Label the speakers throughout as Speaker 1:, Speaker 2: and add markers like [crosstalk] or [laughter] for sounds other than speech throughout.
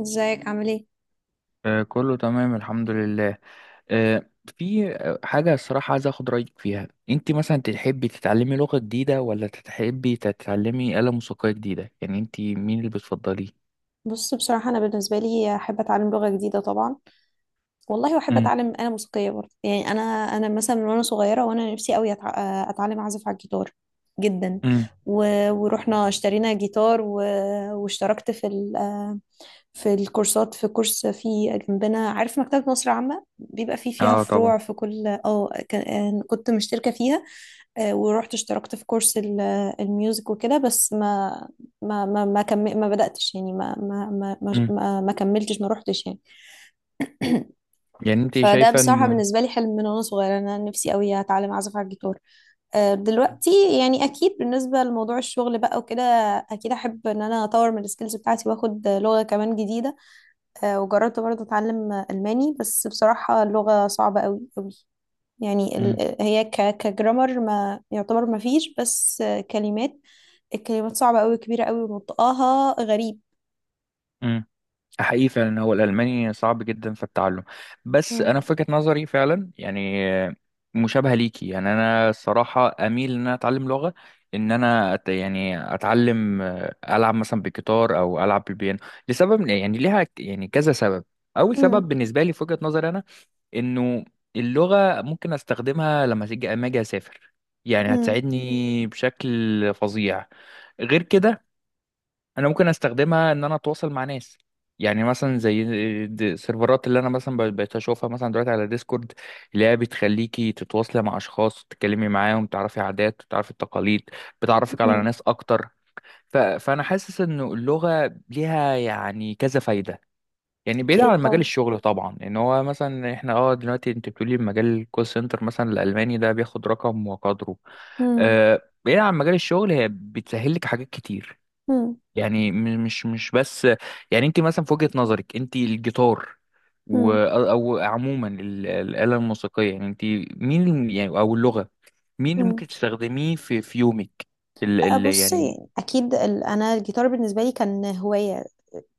Speaker 1: ازيك عامل ايه؟
Speaker 2: آه، كله تمام الحمد لله. آه، في حاجة، الصراحة عايز أخد رأيك فيها. أنت مثلا تحبي تتعلمي لغة جديدة ولا تحبي تتعلمي آلة موسيقية جديدة؟ يعني أنت مين اللي بتفضليه؟
Speaker 1: بص، بصراحه انا بالنسبه لي احب اتعلم لغه جديده طبعا. والله واحب
Speaker 2: امم
Speaker 1: اتعلم انا موسيقيه برضه. يعني انا مثلا من وانا صغيره وانا نفسي قوي اتعلم اعزف على الجيتار جدا.
Speaker 2: امم
Speaker 1: و... ورحنا اشترينا جيتار واشتركت في الكورسات، في كورس في جنبنا، عارف مكتبة مصر العامة بيبقى فيها
Speaker 2: اه طبعا.
Speaker 1: فروع في كل كنت مشتركة فيها. ورحت اشتركت في كورس الميوزك وكده. بس ما ما ما ما, ما بدأتش يعني، ما ما ما ما,
Speaker 2: امم
Speaker 1: ما ما كملتش، ما روحتش يعني.
Speaker 2: يعني أنت
Speaker 1: فده
Speaker 2: شايفة
Speaker 1: بصراحة
Speaker 2: إنه.
Speaker 1: بالنسبة لي حلم من وانا صغيرة، انا نفسي قوي اتعلم اعزف على الجيتار. دلوقتي يعني اكيد بالنسبة لموضوع الشغل بقى وكده، اكيد احب ان انا اطور من السكيلز بتاعتي واخد لغة كمان جديدة. وجربت برضه اتعلم الماني، بس بصراحه اللغه صعبه قوي قوي. يعني هي كجرامر ما يعتبر ما فيش، بس كلمات، الكلمات صعبه قوي، كبيره قوي، ونطقها غريب.
Speaker 2: امم حقيقي فعلا هو الألماني صعب جدا في التعلم، بس
Speaker 1: مم.
Speaker 2: أنا في وجهة نظري فعلا يعني مشابهة ليكي. يعني أنا الصراحة أميل إن أنا أتعلم لغة، إن أنا أت يعني أتعلم، ألعب مثلا بالجيتار أو ألعب بالبيانو لسبب، يعني ليها يعني كذا سبب. أول سبب
Speaker 1: مم.
Speaker 2: بالنسبة لي في وجهة نظري أنا، إنه اللغة ممكن أستخدمها لما أجي أسافر، يعني
Speaker 1: مم.
Speaker 2: هتساعدني بشكل فظيع. غير كده، انا ممكن استخدمها ان انا اتواصل مع ناس، يعني مثلا زي السيرفرات اللي انا مثلا بقيت اشوفها مثلا دلوقتي على ديسكورد، اللي هي بتخليكي تتواصلي مع اشخاص، تتكلمي معاهم، تعرفي عادات، تعرفي تقاليد، بتعرفك على
Speaker 1: مم.
Speaker 2: ناس اكتر. فانا حاسس ان اللغة ليها يعني كذا فايدة. يعني بعيد عن
Speaker 1: اكيد
Speaker 2: مجال
Speaker 1: طبعا.
Speaker 2: الشغل طبعا، ان هو مثلا احنا دلوقتي انت بتقولي مجال الكول سنتر، مثلا الالماني ده بياخد رقم وقدره.
Speaker 1: مم.
Speaker 2: بعيد عن مجال الشغل هي بتسهل لك حاجات كتير.
Speaker 1: مم.
Speaker 2: يعني مش بس، يعني انت مثلا في وجهة نظرك انت الجيتار
Speaker 1: مم.
Speaker 2: او عموما الآلة الموسيقية، يعني انت مين او اللغة، مين اللي
Speaker 1: مم.
Speaker 2: ممكن تستخدميه في في يومك؟ ال
Speaker 1: أه،
Speaker 2: ال يعني،
Speaker 1: بصي اكيد انا الجيتار بالنسبه لي كان هوايه،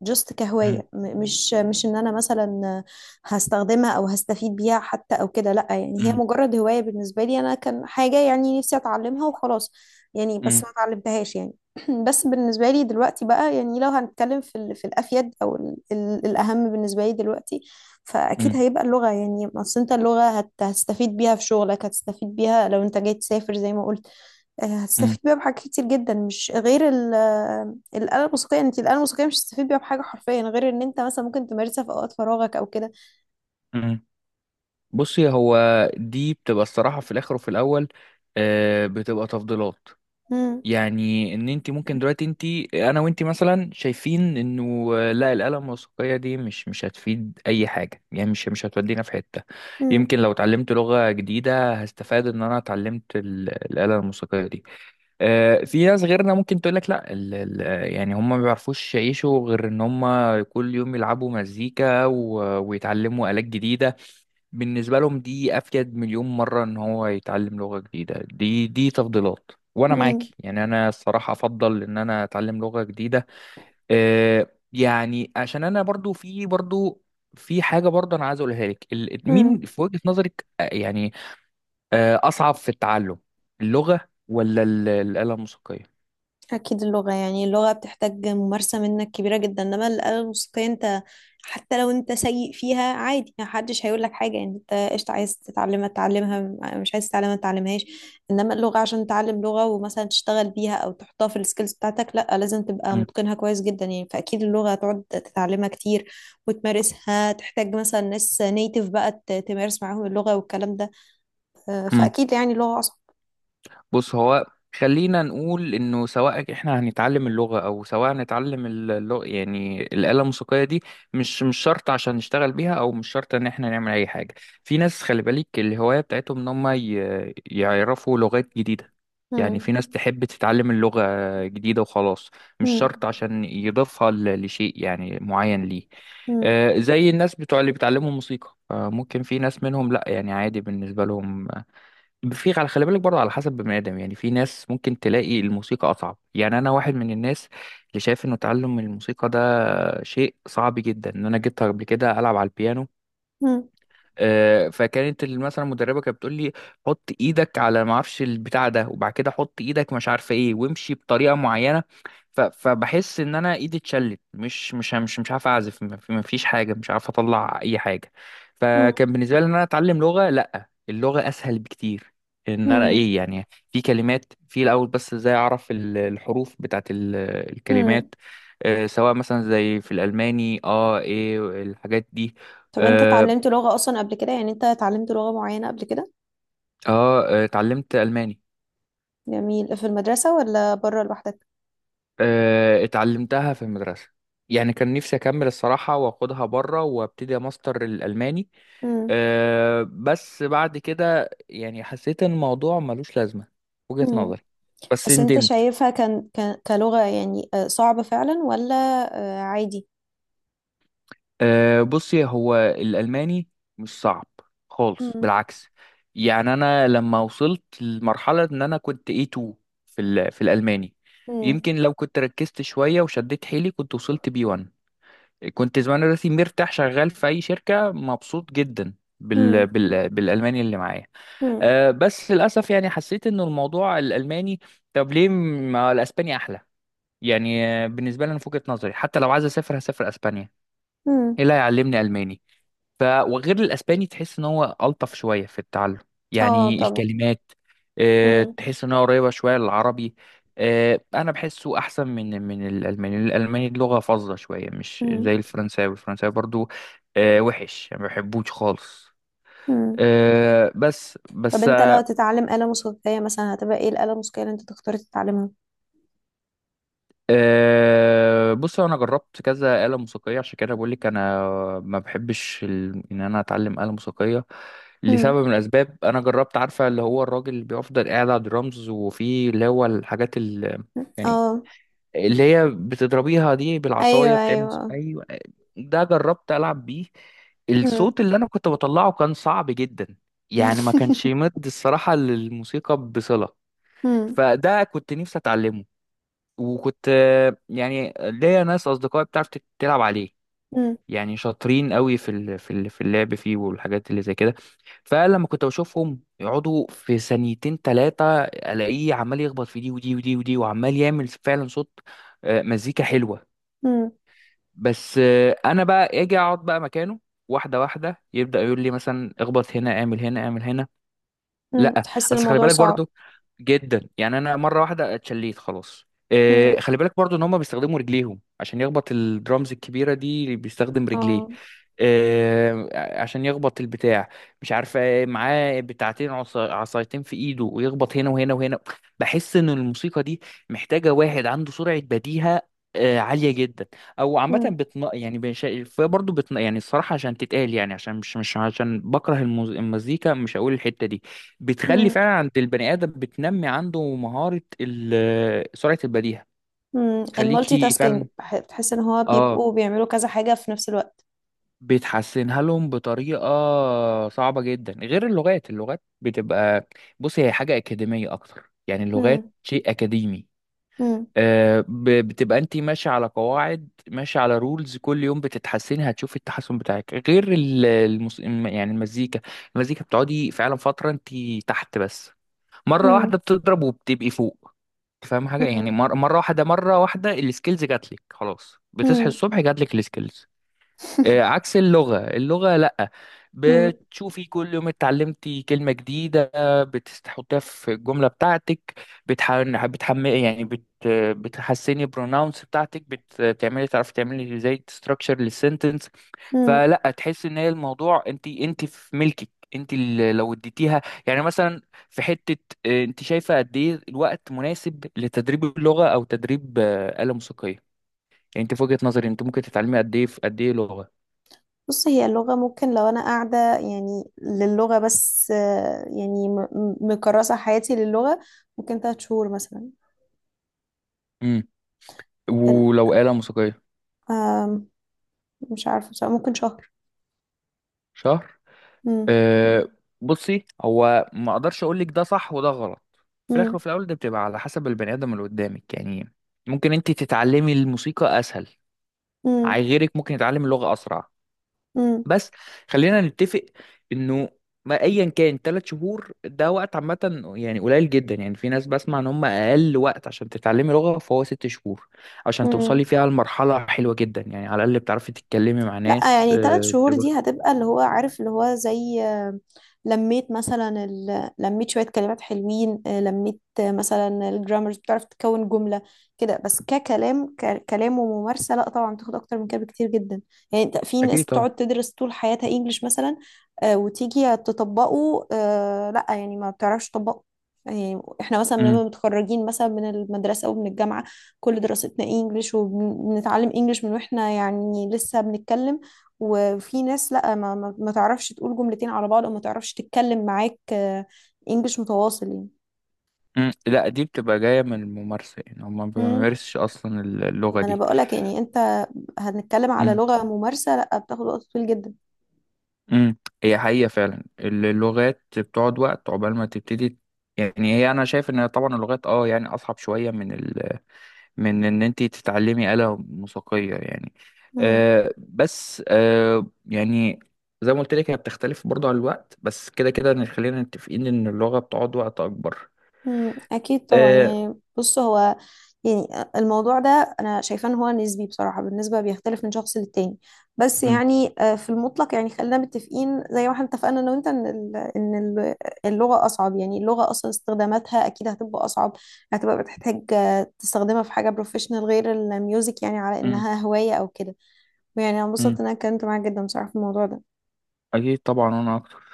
Speaker 1: جست
Speaker 2: مم،
Speaker 1: كهواية. مش ان انا مثلا هستخدمها او هستفيد بيها حتى او كده، لا يعني هي
Speaker 2: مم،
Speaker 1: مجرد هواية بالنسبة لي. انا كان حاجة يعني نفسي اتعلمها وخلاص يعني، بس
Speaker 2: مم،
Speaker 1: ما اتعلمتهاش يعني. [clears throat] بس بالنسبة لي دلوقتي بقى، يعني لو هنتكلم في الافيد، او الاهم بالنسبة لي دلوقتي فاكيد
Speaker 2: مم،
Speaker 1: هيبقى اللغة. يعني اصل انت اللغة هتستفيد بيها في شغلك، هتستفيد بيها لو انت جاي تسافر زي ما قلت.
Speaker 2: مم،
Speaker 1: هتستفيد بيها بحاجات كتير جدا، مش غير الآلة الموسيقية. انت الآلة الموسيقية مش هتستفيد بيها بحاجة حرفيا، غير ان انت مثلا ممكن تمارسها في اوقات فراغك او كده.
Speaker 2: مم. بصي، هو دي بتبقى الصراحة في الآخر وفي الأول، بتبقى تفضيلات.
Speaker 1: مم،
Speaker 2: يعني ان انت ممكن دلوقتي انا وانت مثلا شايفين انه لا، الاله الموسيقيه دي مش هتفيد اي حاجه، يعني مش هتودينا في حته.
Speaker 1: مم،
Speaker 2: يمكن لو اتعلمت لغه جديده، هستفاد ان انا اتعلمت الاله الموسيقيه دي. في ناس غيرنا ممكن تقول لك لا، ال ال يعني هم ما بيعرفوش يعيشوا غير ان هم كل يوم يلعبوا مزيكا ويتعلموا آلات جديده. بالنسبة لهم دي أفيد مليون مرة إن هو يتعلم لغة جديدة. دي دي تفضيلات، وأنا
Speaker 1: مم،
Speaker 2: معاكي، يعني أنا الصراحة أفضل إن أنا أتعلم لغة جديدة. يعني عشان أنا برضو، في برضو، في حاجة برضو أنا عايز أقولها لك. مين
Speaker 1: مم.
Speaker 2: في وجهة نظرك أصعب في التعلم، اللغة ولا الآلة الموسيقية؟
Speaker 1: أكيد اللغة. يعني اللغة بتحتاج ممارسة منك كبيرة جدا، إنما الآلة الموسيقية أنت حتى لو أنت سيء فيها عادي، محدش هيقول لك حاجة. يعني أنت قشطة، عايز تتعلمها تتعلمها، مش عايز تتعلمها متتعلمهاش. إنما اللغة عشان تتعلم لغة ومثلا تشتغل بيها أو تحطها في السكيلز بتاعتك، لأ لازم تبقى متقنها كويس جدا. يعني فأكيد اللغة هتقعد تتعلمها كتير وتمارسها، تحتاج مثلا ناس نيتيف بقى تمارس معاهم اللغة والكلام ده.
Speaker 2: مم.
Speaker 1: فأكيد يعني اللغة أصعب.
Speaker 2: بص، هو خلينا نقول انه سواء احنا هنتعلم اللغه او سواء هنتعلم اللغة، يعني الاله الموسيقيه دي مش شرط عشان نشتغل بيها، او مش شرط ان احنا نعمل اي حاجه. في ناس خلي بالك الهوايه بتاعتهم ان هم يعرفوا لغات جديده. يعني
Speaker 1: مم.
Speaker 2: في ناس تحب تتعلم اللغه جديده وخلاص، مش
Speaker 1: مم.
Speaker 2: شرط عشان يضيفها لشيء يعني معين ليه.
Speaker 1: مم.
Speaker 2: زي الناس بتوع اللي بيتعلموا موسيقى، ممكن في ناس منهم لا، يعني عادي بالنسبه لهم. في على خلي بالك برضه على حسب بني ادم، يعني في ناس ممكن تلاقي الموسيقى اصعب. يعني انا واحد من الناس اللي شايف انه تعلم الموسيقى ده شيء صعب جدا. ان انا جيت قبل كده العب على البيانو، فكانت مثلا المدربه كانت بتقول لي حط ايدك على ما اعرفش البتاع ده، وبعد كده حط ايدك مش عارفه ايه، وامشي بطريقه معينه. فبحس ان انا ايدي اتشلت، مش عارف اعزف، ما فيش حاجه، مش عارف اطلع اي حاجه.
Speaker 1: مم.
Speaker 2: فكان بالنسبه لي ان انا اتعلم لغه، لا اللغه اسهل بكتير. ان انا
Speaker 1: مم.
Speaker 2: ايه؟ يعني في كلمات في الاول، بس ازاي اعرف الحروف بتاعت
Speaker 1: امم
Speaker 2: الكلمات، سواء مثلا زي في الالماني ايه الحاجات دي.
Speaker 1: طب انت
Speaker 2: آه،
Speaker 1: اتعلمت لغة اصلا قبل كده؟ يعني انت اتعلمت لغة معينة قبل كده؟
Speaker 2: اتعلمت الماني.
Speaker 1: جميل. في المدرسة ولا بره لوحدك؟
Speaker 2: اتعلمتها في المدرسه. يعني كان نفسي اكمل الصراحه واخدها بره وابتدي ماستر الالماني.
Speaker 1: امم.
Speaker 2: بس بعد كده يعني حسيت ان الموضوع ملوش لازمه في وجهه
Speaker 1: امم.
Speaker 2: نظري، بس
Speaker 1: بس انت
Speaker 2: ندمت.
Speaker 1: شايفها كان كلغة يعني صعبة فعلا، ولا عادي؟
Speaker 2: بصي هو الالماني مش صعب خالص،
Speaker 1: امم.
Speaker 2: بالعكس. يعني انا لما وصلت لمرحله ان انا كنت A2 في في الالماني،
Speaker 1: امم.
Speaker 2: يمكن لو كنت ركزت شويه وشديت حيلي كنت وصلت B1، كنت زمان دلوقتي مرتاح شغال في اي شركه، مبسوط جدا
Speaker 1: امم.
Speaker 2: بالالماني اللي معايا.
Speaker 1: امم.
Speaker 2: بس للاسف يعني حسيت ان الموضوع الالماني، طب ليه ما الاسباني احلى؟ يعني بالنسبه لي انا في وجهه نظري، حتى لو عايز اسافر هسافر اسبانيا،
Speaker 1: امم.
Speaker 2: ايه اللي هيعلمني الماني؟ وغير الاسباني تحس ان هو الطف شويه في التعلم،
Speaker 1: اه
Speaker 2: يعني
Speaker 1: طبعا.
Speaker 2: الكلمات،
Speaker 1: امم.
Speaker 2: تحس ان هو قريبه شويه للعربي. انا بحسه احسن من الالماني. الالماني اللغه فظه شويه، مش
Speaker 1: امم.
Speaker 2: زي الفرنساوي. الفرنساوي برضو وحش، يعني ما بحبوش خالص.
Speaker 1: امم. طب
Speaker 2: بس.
Speaker 1: انت لو تتعلم آلة موسيقية مثلا، هتبقى ايه الآلة الموسيقية اللي انت تختار تتعلمها؟
Speaker 2: بص انا جربت كذا آلة موسيقية، عشان كده بقول لك انا ما بحبش ان انا اتعلم آلة موسيقية
Speaker 1: امم.
Speaker 2: لسبب من الاسباب. انا جربت، عارفة اللي هو الراجل اللي بيفضل قاعد على الدرامز وفي اللي هو الحاجات يعني
Speaker 1: اه.
Speaker 2: اللي هي بتضربيها دي
Speaker 1: ايوه،
Speaker 2: بالعصاية، بتعمل
Speaker 1: ايوه.
Speaker 2: ايوه. ده جربت العب بيه،
Speaker 1: امم.
Speaker 2: الصوت اللي انا كنت بطلعه كان صعب جدا، يعني ما كانش
Speaker 1: [laughs]
Speaker 2: يمد الصراحة للموسيقى بصلة.
Speaker 1: امم.
Speaker 2: فده كنت نفسي اتعلمه، وكنت يعني ليا ناس اصدقائي بتعرف تلعب عليه،
Speaker 1: امم.
Speaker 2: يعني شاطرين قوي في في اللعب فيه والحاجات اللي زي كده. فلما كنت بشوفهم يقعدوا في ثانيتين 3, الاقيه عمال يخبط في دي ودي ودي ودي، وعمال يعمل فعلا صوت، مزيكا حلوة. بس انا بقى اجي اقعد بقى مكانه، واحدة واحدة يبدأ يقول لي مثلا اخبط هنا، اعمل هنا، اعمل هنا،
Speaker 1: امم. [laughs]
Speaker 2: لا.
Speaker 1: تحس ان
Speaker 2: بس خلي
Speaker 1: الموضوع
Speaker 2: بالك
Speaker 1: صعب.
Speaker 2: برضو، جدا يعني انا مره واحده اتشليت خلاص.
Speaker 1: مم.
Speaker 2: خلي بالك برضو ان هم بيستخدموا رجليهم عشان يخبط الدرامز الكبيره دي، بيستخدم رجليه
Speaker 1: اه.
Speaker 2: إيه عشان يخبط البتاع، مش عارفه إيه، معاه بتاعتين عصايتين في ايده، ويخبط هنا وهنا وهنا. بحس ان الموسيقى دي محتاجه واحد عنده سرعه بديهه عاليه جدا، او عامه
Speaker 1: مم.
Speaker 2: بتن يعني بش... برضه بتن... يعني الصراحه عشان تتقال، يعني عشان مش عشان بكره المزيكا، مش هقول الحته دي، بتخلي
Speaker 1: مم.
Speaker 2: فعلا عند البني ادم، بتنمي عنده مهاره سرعه البديهه،
Speaker 1: مم. المالتي
Speaker 2: تخليكي
Speaker 1: تاسكينج.
Speaker 2: فعلا،
Speaker 1: بتحس ان هو
Speaker 2: اه
Speaker 1: بيبقوا بيعملوا كذا حاجة في نفس الوقت.
Speaker 2: بتحسنها لهم بطريقه صعبه جدا. غير اللغات، اللغات بتبقى، بصي هي حاجه اكاديميه اكتر، يعني اللغات
Speaker 1: مم.
Speaker 2: شيء اكاديمي،
Speaker 1: مم.
Speaker 2: بتبقى انت ماشيه على قواعد، ماشيه على رولز، كل يوم بتتحسني، هتشوفي التحسن بتاعك. غير يعني المزيكا، المزيكا بتقعدي فعلا فتره انت تحت، بس مره واحده
Speaker 1: مم.
Speaker 2: بتضرب وبتبقي فوق، فاهم حاجه؟ يعني
Speaker 1: مم.
Speaker 2: مره واحده مره واحده السكيلز جات لك خلاص، بتصحي
Speaker 1: مم.
Speaker 2: الصبح جات لك السكيلز. عكس اللغة، اللغة لأ،
Speaker 1: مم.
Speaker 2: بتشوفي كل يوم اتعلمتي كلمة جديدة، بتحطيها في الجملة بتاعتك، بتحمقي يعني بتحسني البروناونس بتاعتك، بتعملي، تعرفي تعملي زي ستراكشر للسنتنس.
Speaker 1: مم.
Speaker 2: فلا، تحس ان هي الموضوع، انت، انت في ملكك، انت اللي لو اديتيها. يعني مثلا في حتة، انت شايفة قد ايه الوقت مناسب لتدريب اللغة او تدريب آلة موسيقية؟ يعني انت في وجهة نظري انت ممكن تتعلمي قد ايه في قد ايه لغة،
Speaker 1: بص، هي اللغة ممكن لو انا قاعدة يعني للغة بس، يعني مكرسة حياتي للغة، ممكن تلات شهور مثلا. ال-
Speaker 2: ولو آلة موسيقية؟
Speaker 1: آم، مش عارفة بصراحة، ممكن شهر.
Speaker 2: شهر؟
Speaker 1: مم.
Speaker 2: أه بصي، هو ما اقدرش اقول لك ده صح وده غلط. في
Speaker 1: مم.
Speaker 2: الاخر وفي الاول ده بتبقى على حسب البني ادم اللي قدامك، يعني ممكن انت تتعلمي الموسيقى اسهل،
Speaker 1: مم.
Speaker 2: غيرك ممكن يتعلم اللغة اسرع.
Speaker 1: مم.
Speaker 2: بس خلينا نتفق انه، ما ايا كان 3 شهور ده وقت عامة يعني قليل جدا. يعني في ناس بسمع ان هم اقل وقت عشان تتعلمي لغة فهو 6 شهور، عشان
Speaker 1: مم.
Speaker 2: توصلي فيها لمرحلة حلوة جدا، يعني على الاقل بتعرفي تتكلمي مع
Speaker 1: لا
Speaker 2: ناس،
Speaker 1: يعني ثلاث شهور دي
Speaker 2: بتبقى.
Speaker 1: هتبقى اللي هو عارف اللي هو زي لميت مثلا لميت شوية كلمات حلوين، لميت مثلا الجرامرز، بتعرف تكون جملة كده بس. ككلام كلام وممارسة، لا طبعا بتاخد أكتر من كده بكتير جدا. يعني انت، في ناس
Speaker 2: اكيد.
Speaker 1: بتقعد تدرس طول حياتها انجليش مثلا، وتيجي تطبقه، لا يعني ما بتعرفش تطبقه. يعني احنا مثلا لما
Speaker 2: مم.
Speaker 1: متخرجين مثلا من المدرسة أو من الجامعة، كل دراستنا انجليش وبنتعلم انجليش من واحنا يعني لسه بنتكلم. وفي ناس لا، ما تعرفش تقول جملتين على بعض، او ما تعرفش تتكلم معاك انجليش متواصل يعني.
Speaker 2: مم. لا، دي بتبقى جاية من الممارسة، يعني هما ما
Speaker 1: مم.
Speaker 2: بيمارسش أصلا
Speaker 1: ما
Speaker 2: اللغة
Speaker 1: انا
Speaker 2: دي.
Speaker 1: بقولك، يعني انت هنتكلم على
Speaker 2: مم.
Speaker 1: لغة ممارسة، لا بتاخد وقت طويل جدا.
Speaker 2: مم. هي حقيقة فعلا اللغات بتقعد وقت عقبال ما تبتدي. يعني هي أنا شايف إن طبعا اللغات أه يعني أصعب شوية من من إن أنت تتعلمي آلة موسيقية يعني.
Speaker 1: مم.
Speaker 2: بس يعني زي ما قلت لك، هي بتختلف برضه على الوقت، بس كده كده خلينا متفقين إن اللغة بتقعد وقت أكبر.
Speaker 1: مم، اكيد طبعا.
Speaker 2: أه.
Speaker 1: يعني بص، هو يعني الموضوع ده انا شايفاه ان هو نسبي بصراحه، بالنسبه بيختلف من شخص للتاني. بس
Speaker 2: مم.
Speaker 1: يعني في المطلق، يعني خلينا متفقين زي ما احنا اتفقنا انا وانت ان اللغه اصعب. يعني اللغه اصلا استخداماتها اكيد هتبقى اصعب، هتبقى بتحتاج تستخدمها في حاجه بروفيشنال، غير الميوزك يعني على
Speaker 2: مم.
Speaker 1: انها هوايه او كده. يعني انا انبسطت
Speaker 2: مم.
Speaker 1: ان انا اتكلمت معاك جدا بصراحه في الموضوع ده.
Speaker 2: أكيد طبعا أنا